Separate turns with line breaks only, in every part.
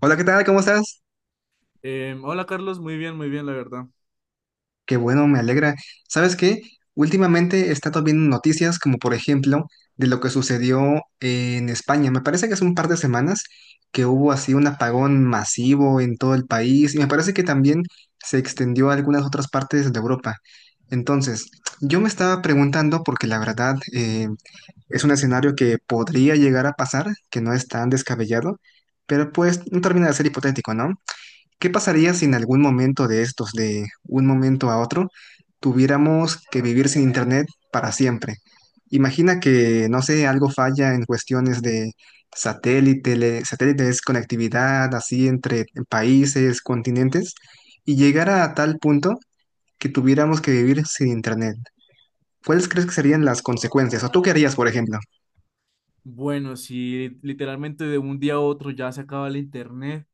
Hola, ¿qué tal? ¿Cómo estás?
Hola Carlos, muy bien, la verdad.
Qué bueno, me alegra. ¿Sabes qué? Últimamente he estado viendo noticias como por ejemplo de lo que sucedió en España. Me parece que hace un par de semanas que hubo así un apagón masivo en todo el país y me parece que también se extendió a algunas otras partes de Europa. Entonces, yo me estaba preguntando porque la verdad es un escenario que podría llegar a pasar, que no es tan descabellado, pero pues no termina de ser hipotético, ¿no? ¿Qué pasaría si en algún momento de estos, de un momento a otro, tuviéramos que vivir sin internet para siempre? Imagina que, no sé, algo falla en cuestiones de satélites, conectividad, así entre países, continentes, y llegara a tal punto que tuviéramos que vivir sin internet. ¿Cuáles crees que serían las consecuencias? ¿O tú qué harías, por ejemplo?
Bueno, si literalmente de un día a otro ya se acaba el internet,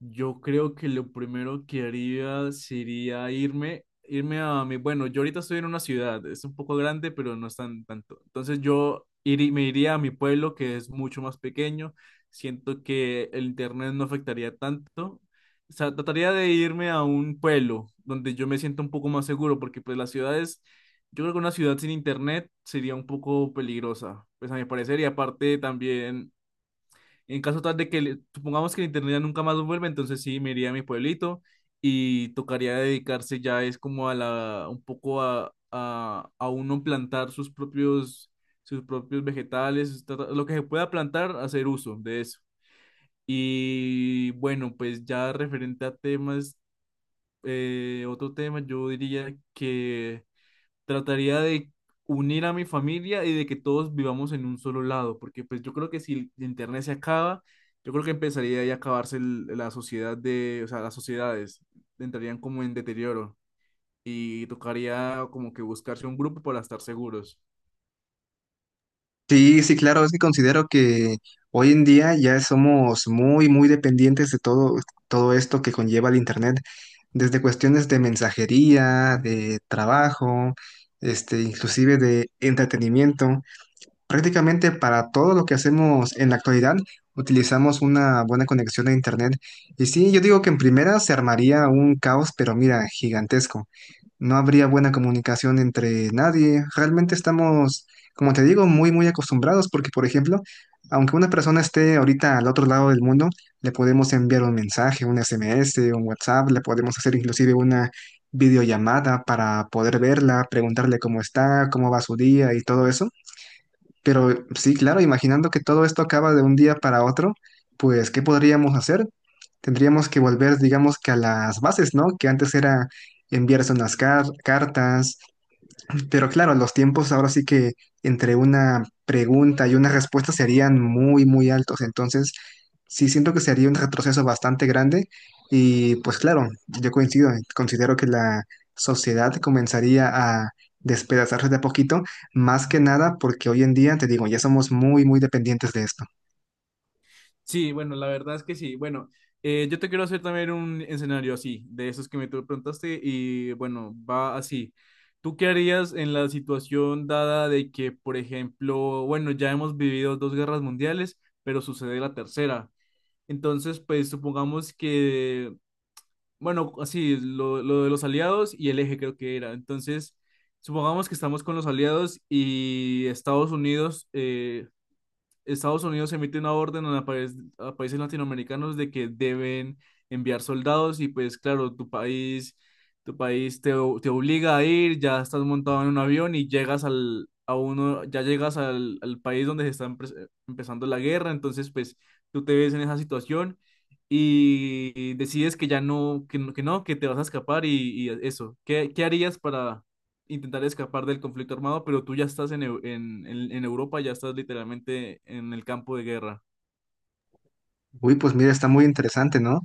yo creo que lo primero que haría sería irme a mi, bueno, yo ahorita estoy en una ciudad, es un poco grande, pero no es tan tanto. Entonces me iría a mi pueblo, que es mucho más pequeño. Siento que el internet no afectaría tanto. O sea, trataría de irme a un pueblo donde yo me sienta un poco más seguro, porque pues las ciudades, yo creo que una ciudad sin internet sería un poco peligrosa, pues a mi parecer. Y aparte también, en caso tal de que, supongamos que el internet ya nunca más vuelve, entonces sí, me iría a mi pueblito y tocaría dedicarse ya es como a la, un poco a uno plantar sus propios vegetales, lo que se pueda plantar, hacer uso de eso. Y bueno, pues ya referente a temas, otro tema, yo diría que trataría de unir a mi familia y de que todos vivamos en un solo lado, porque pues yo creo que si el internet se acaba, yo creo que empezaría ahí a la sociedad. De, o sea, las sociedades entrarían como en deterioro y tocaría como que buscarse un grupo para estar seguros.
Sí, sí, claro, es que considero que hoy en día ya somos muy dependientes de todo, todo esto que conlleva el internet, desde cuestiones de mensajería, de trabajo, este, inclusive de entretenimiento. Prácticamente para todo lo que hacemos en la actualidad utilizamos una buena conexión a internet. Y sí, yo digo que en primera se armaría un caos, pero mira, gigantesco. No habría buena comunicación entre nadie. Realmente estamos, como te digo, muy acostumbrados porque, por ejemplo, aunque una persona esté ahorita al otro lado del mundo, le podemos enviar un mensaje, un SMS, un WhatsApp, le podemos hacer inclusive una videollamada para poder verla, preguntarle cómo está, cómo va su día y todo eso. Pero sí, claro, imaginando que todo esto acaba de un día para otro, pues, ¿qué podríamos hacer? Tendríamos que volver, digamos que a las bases, ¿no? Que antes era enviarse unas cartas, pero claro, los tiempos ahora sí que entre una pregunta y una respuesta serían muy altos. Entonces, sí siento que sería un retroceso bastante grande. Y pues claro, yo coincido, considero que la sociedad comenzaría a despedazarse de a poquito, más que nada porque hoy en día, te digo, ya somos muy dependientes de esto.
Sí, bueno, la verdad es que sí. Bueno, yo te quiero hacer también un escenario así, de esos que me tú preguntaste, y bueno, va así. ¿Tú qué harías en la situación dada de que, por ejemplo, bueno, ya hemos vivido dos guerras mundiales, pero sucede la tercera? Entonces, pues supongamos que, bueno, así, lo de los aliados y el eje creo que era. Entonces, supongamos que estamos con los aliados y Estados Unidos, Estados Unidos emite una orden a, a países latinoamericanos de que deben enviar soldados. Y pues claro, tu país te, te obliga a ir, ya estás montado en un avión y llegas al, a uno, ya llegas al, al país donde se está empezando la guerra, entonces pues tú te ves en esa situación y decides que ya no, que, que no, que te vas a escapar y eso. Qué harías para intentar escapar del conflicto armado, pero tú ya estás en, en Europa, ya estás literalmente en el campo de guerra?
Uy, pues mira, está muy interesante, ¿no?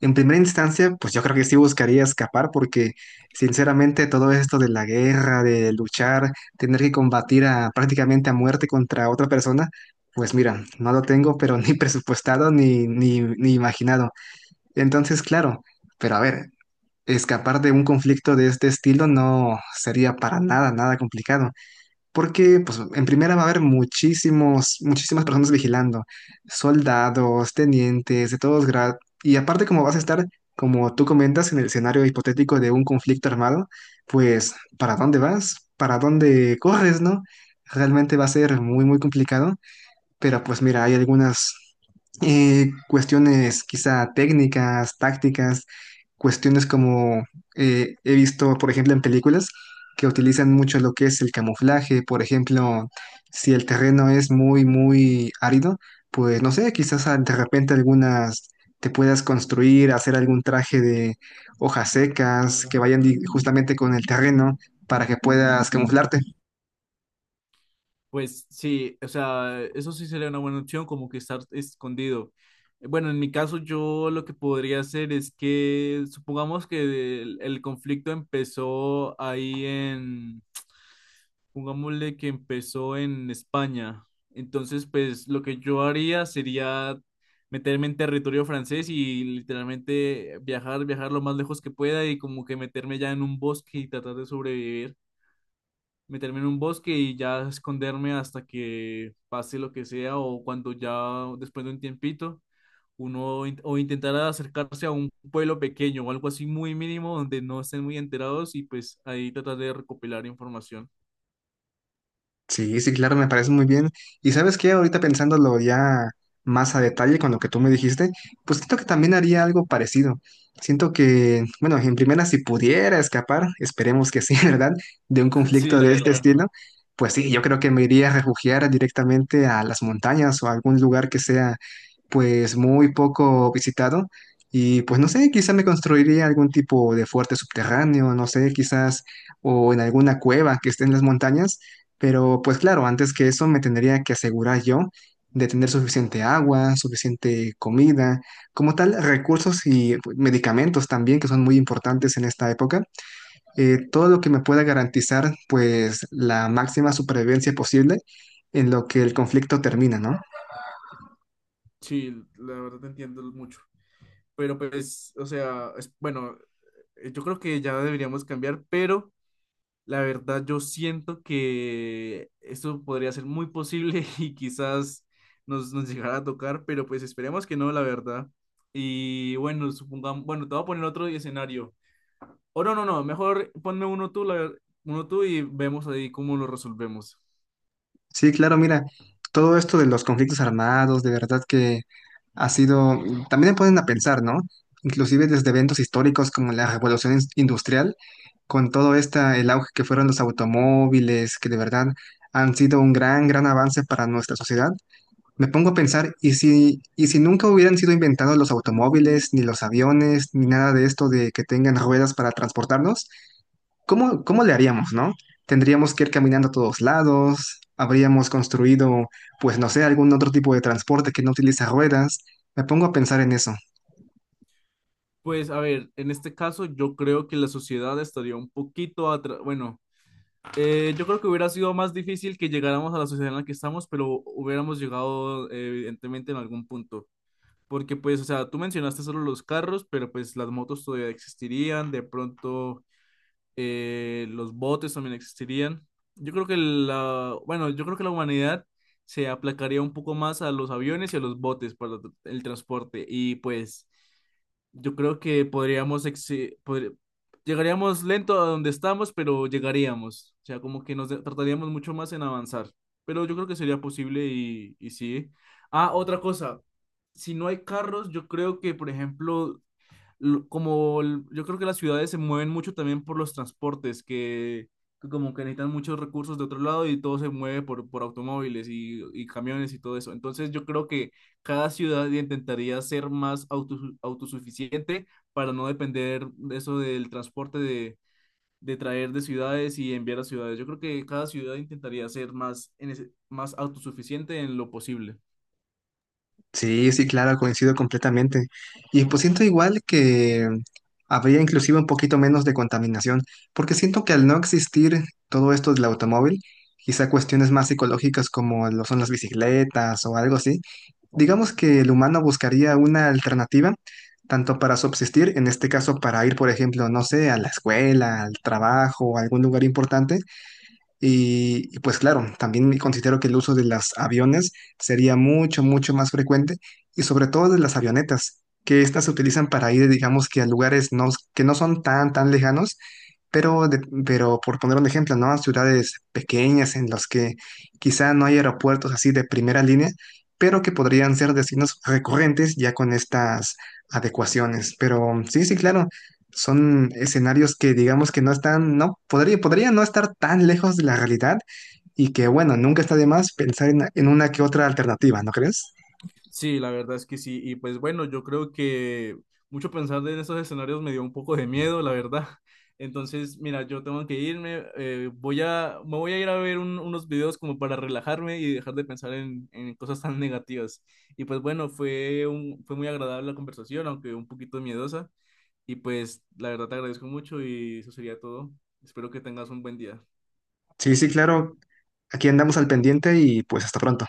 En primera instancia, pues yo creo que sí buscaría escapar porque sinceramente todo esto de la guerra, de luchar, tener que combatir a, prácticamente a muerte contra otra persona, pues mira, no lo tengo pero ni presupuestado ni imaginado. Entonces, claro, pero a ver, escapar de un conflicto de este estilo no sería para nada, nada complicado. Porque, pues, en primera va a haber muchísimas personas vigilando, soldados, tenientes, de todos grados. Y aparte, como vas a estar, como tú comentas, en el escenario hipotético de un conflicto armado, pues, ¿para dónde vas? ¿Para dónde corres, no? Realmente va a ser muy complicado. Pero pues mira, hay algunas cuestiones quizá técnicas, tácticas, cuestiones como he visto, por ejemplo, en películas que utilizan mucho lo que es el camuflaje, por ejemplo, si el terreno es muy árido, pues no sé, quizás ah, de repente algunas te puedas construir, hacer algún traje de hojas secas que vayan justamente con el terreno para que puedas camuflarte.
Pues sí, o sea, eso sí sería una buena opción, como que estar escondido. Bueno, en mi caso yo lo que podría hacer es que, supongamos que el conflicto empezó ahí en. Pongámosle que empezó en España. Entonces, pues lo que yo haría sería meterme en territorio francés y literalmente viajar lo más lejos que pueda y como que meterme ya en un bosque y tratar de sobrevivir. Meterme en un bosque y ya esconderme hasta que pase lo que sea, o cuando ya después de un tiempito o intentar acercarse a un pueblo pequeño o algo así muy mínimo donde no estén muy enterados y pues ahí tratar de recopilar información.
Sí, sí, claro, me parece muy bien. Y sabes qué, ahorita pensándolo ya más a detalle con lo que tú me dijiste, pues siento que también haría algo parecido. Siento que, bueno, en primera, si pudiera escapar, esperemos que sí, ¿verdad? De un
Sí,
conflicto
la
de este
verdad.
estilo, pues sí, yo creo que me iría a refugiar directamente a las montañas o a algún lugar que sea pues muy poco visitado y pues no sé, quizá me construiría algún tipo de fuerte subterráneo, no sé, quizás o en alguna cueva que esté en las montañas, pero pues claro, antes que eso me tendría que asegurar yo de tener suficiente agua, suficiente comida, como tal, recursos y pues, medicamentos también que son muy importantes en esta época. Todo lo que me pueda garantizar pues la máxima supervivencia posible en lo que el conflicto termina, ¿no?
Sí, la verdad te entiendo mucho. Pero pues, o sea, es, bueno, yo creo que ya deberíamos cambiar, pero la verdad yo siento que esto podría ser muy posible y quizás nos llegara a tocar, pero pues esperemos que no, la verdad. Y bueno, supongamos, bueno, te voy a poner otro escenario. O no, no, no, mejor ponme uno tú, uno tú y vemos ahí cómo lo resolvemos.
Sí, claro, mira, todo esto de los conflictos armados, de verdad que ha sido, mm, también me ponen a pensar, ¿no? Inclusive desde eventos históricos como la Revolución Industrial, con todo esta, el auge que fueron los automóviles, que de verdad han sido un gran avance para nuestra sociedad. Me pongo a pensar, y si nunca hubieran sido inventados los automóviles, ni los aviones, ni nada de esto de que tengan ruedas para transportarnos? Cómo le haríamos, no? Tendríamos que ir caminando a todos lados, habríamos construido, pues no sé, algún otro tipo de transporte que no utiliza ruedas. Me pongo a pensar en eso.
Pues a ver, en este caso yo creo que la sociedad estaría un poquito atrás, bueno. Yo creo que hubiera sido más difícil que llegáramos a la sociedad en la que estamos, pero hubiéramos llegado, evidentemente, en algún punto. Porque pues, o sea, tú mencionaste solo los carros, pero pues las motos todavía existirían, de pronto los botes también existirían. Yo creo que la, bueno, yo creo que la humanidad se aplacaría un poco más a los aviones y a los botes para el transporte. Y pues yo creo que llegaríamos lento a donde estamos, pero llegaríamos. O sea, como que tardaríamos mucho más en avanzar. Pero yo creo que sería posible y sí. Ah, otra cosa. Si no hay carros, yo creo que, por ejemplo, yo creo que las ciudades se mueven mucho también por los transportes, que como que necesitan muchos recursos de otro lado y todo se mueve por automóviles y camiones y todo eso. Entonces yo creo que cada ciudad intentaría ser más autosuficiente para no depender de eso del transporte de traer de ciudades y enviar a ciudades. Yo creo que cada ciudad intentaría ser más, más autosuficiente en lo posible.
Sí, sí, claro, coincido completamente. Y pues siento igual que habría inclusive un poquito menos de contaminación, porque siento que al no existir todo esto del automóvil, quizá cuestiones más psicológicas como lo son las bicicletas o algo así, digamos que el humano buscaría una alternativa tanto para subsistir, en este caso para ir, por ejemplo, no sé, a la escuela, al trabajo, a algún lugar importante, pues claro, también considero que el uso de los aviones sería mucho más frecuente y sobre todo de las avionetas, que estas se utilizan para ir, digamos que a lugares no, que no son tan lejanos pero, pero por poner un ejemplo, ¿no? Ciudades pequeñas en las que quizá no hay aeropuertos así de primera línea, pero que podrían ser destinos recurrentes ya con estas adecuaciones. Pero sí, sí, claro, son escenarios que digamos que no están, no, podría no estar tan lejos de la realidad y que, bueno, nunca está de más pensar en una que otra alternativa, ¿no crees?
Sí, la verdad es que sí. Y pues bueno, yo creo que mucho pensar en esos escenarios me dio un poco de miedo, la verdad. Entonces, mira, yo tengo que irme. Voy a, me voy a ir a ver unos videos como para relajarme y dejar de pensar en cosas tan negativas. Y pues bueno, fue muy agradable la conversación, aunque un poquito miedosa. Y pues la verdad te agradezco mucho y eso sería todo. Espero que tengas un buen día.
Sí, sí, claro, aquí andamos al pendiente y pues hasta pronto.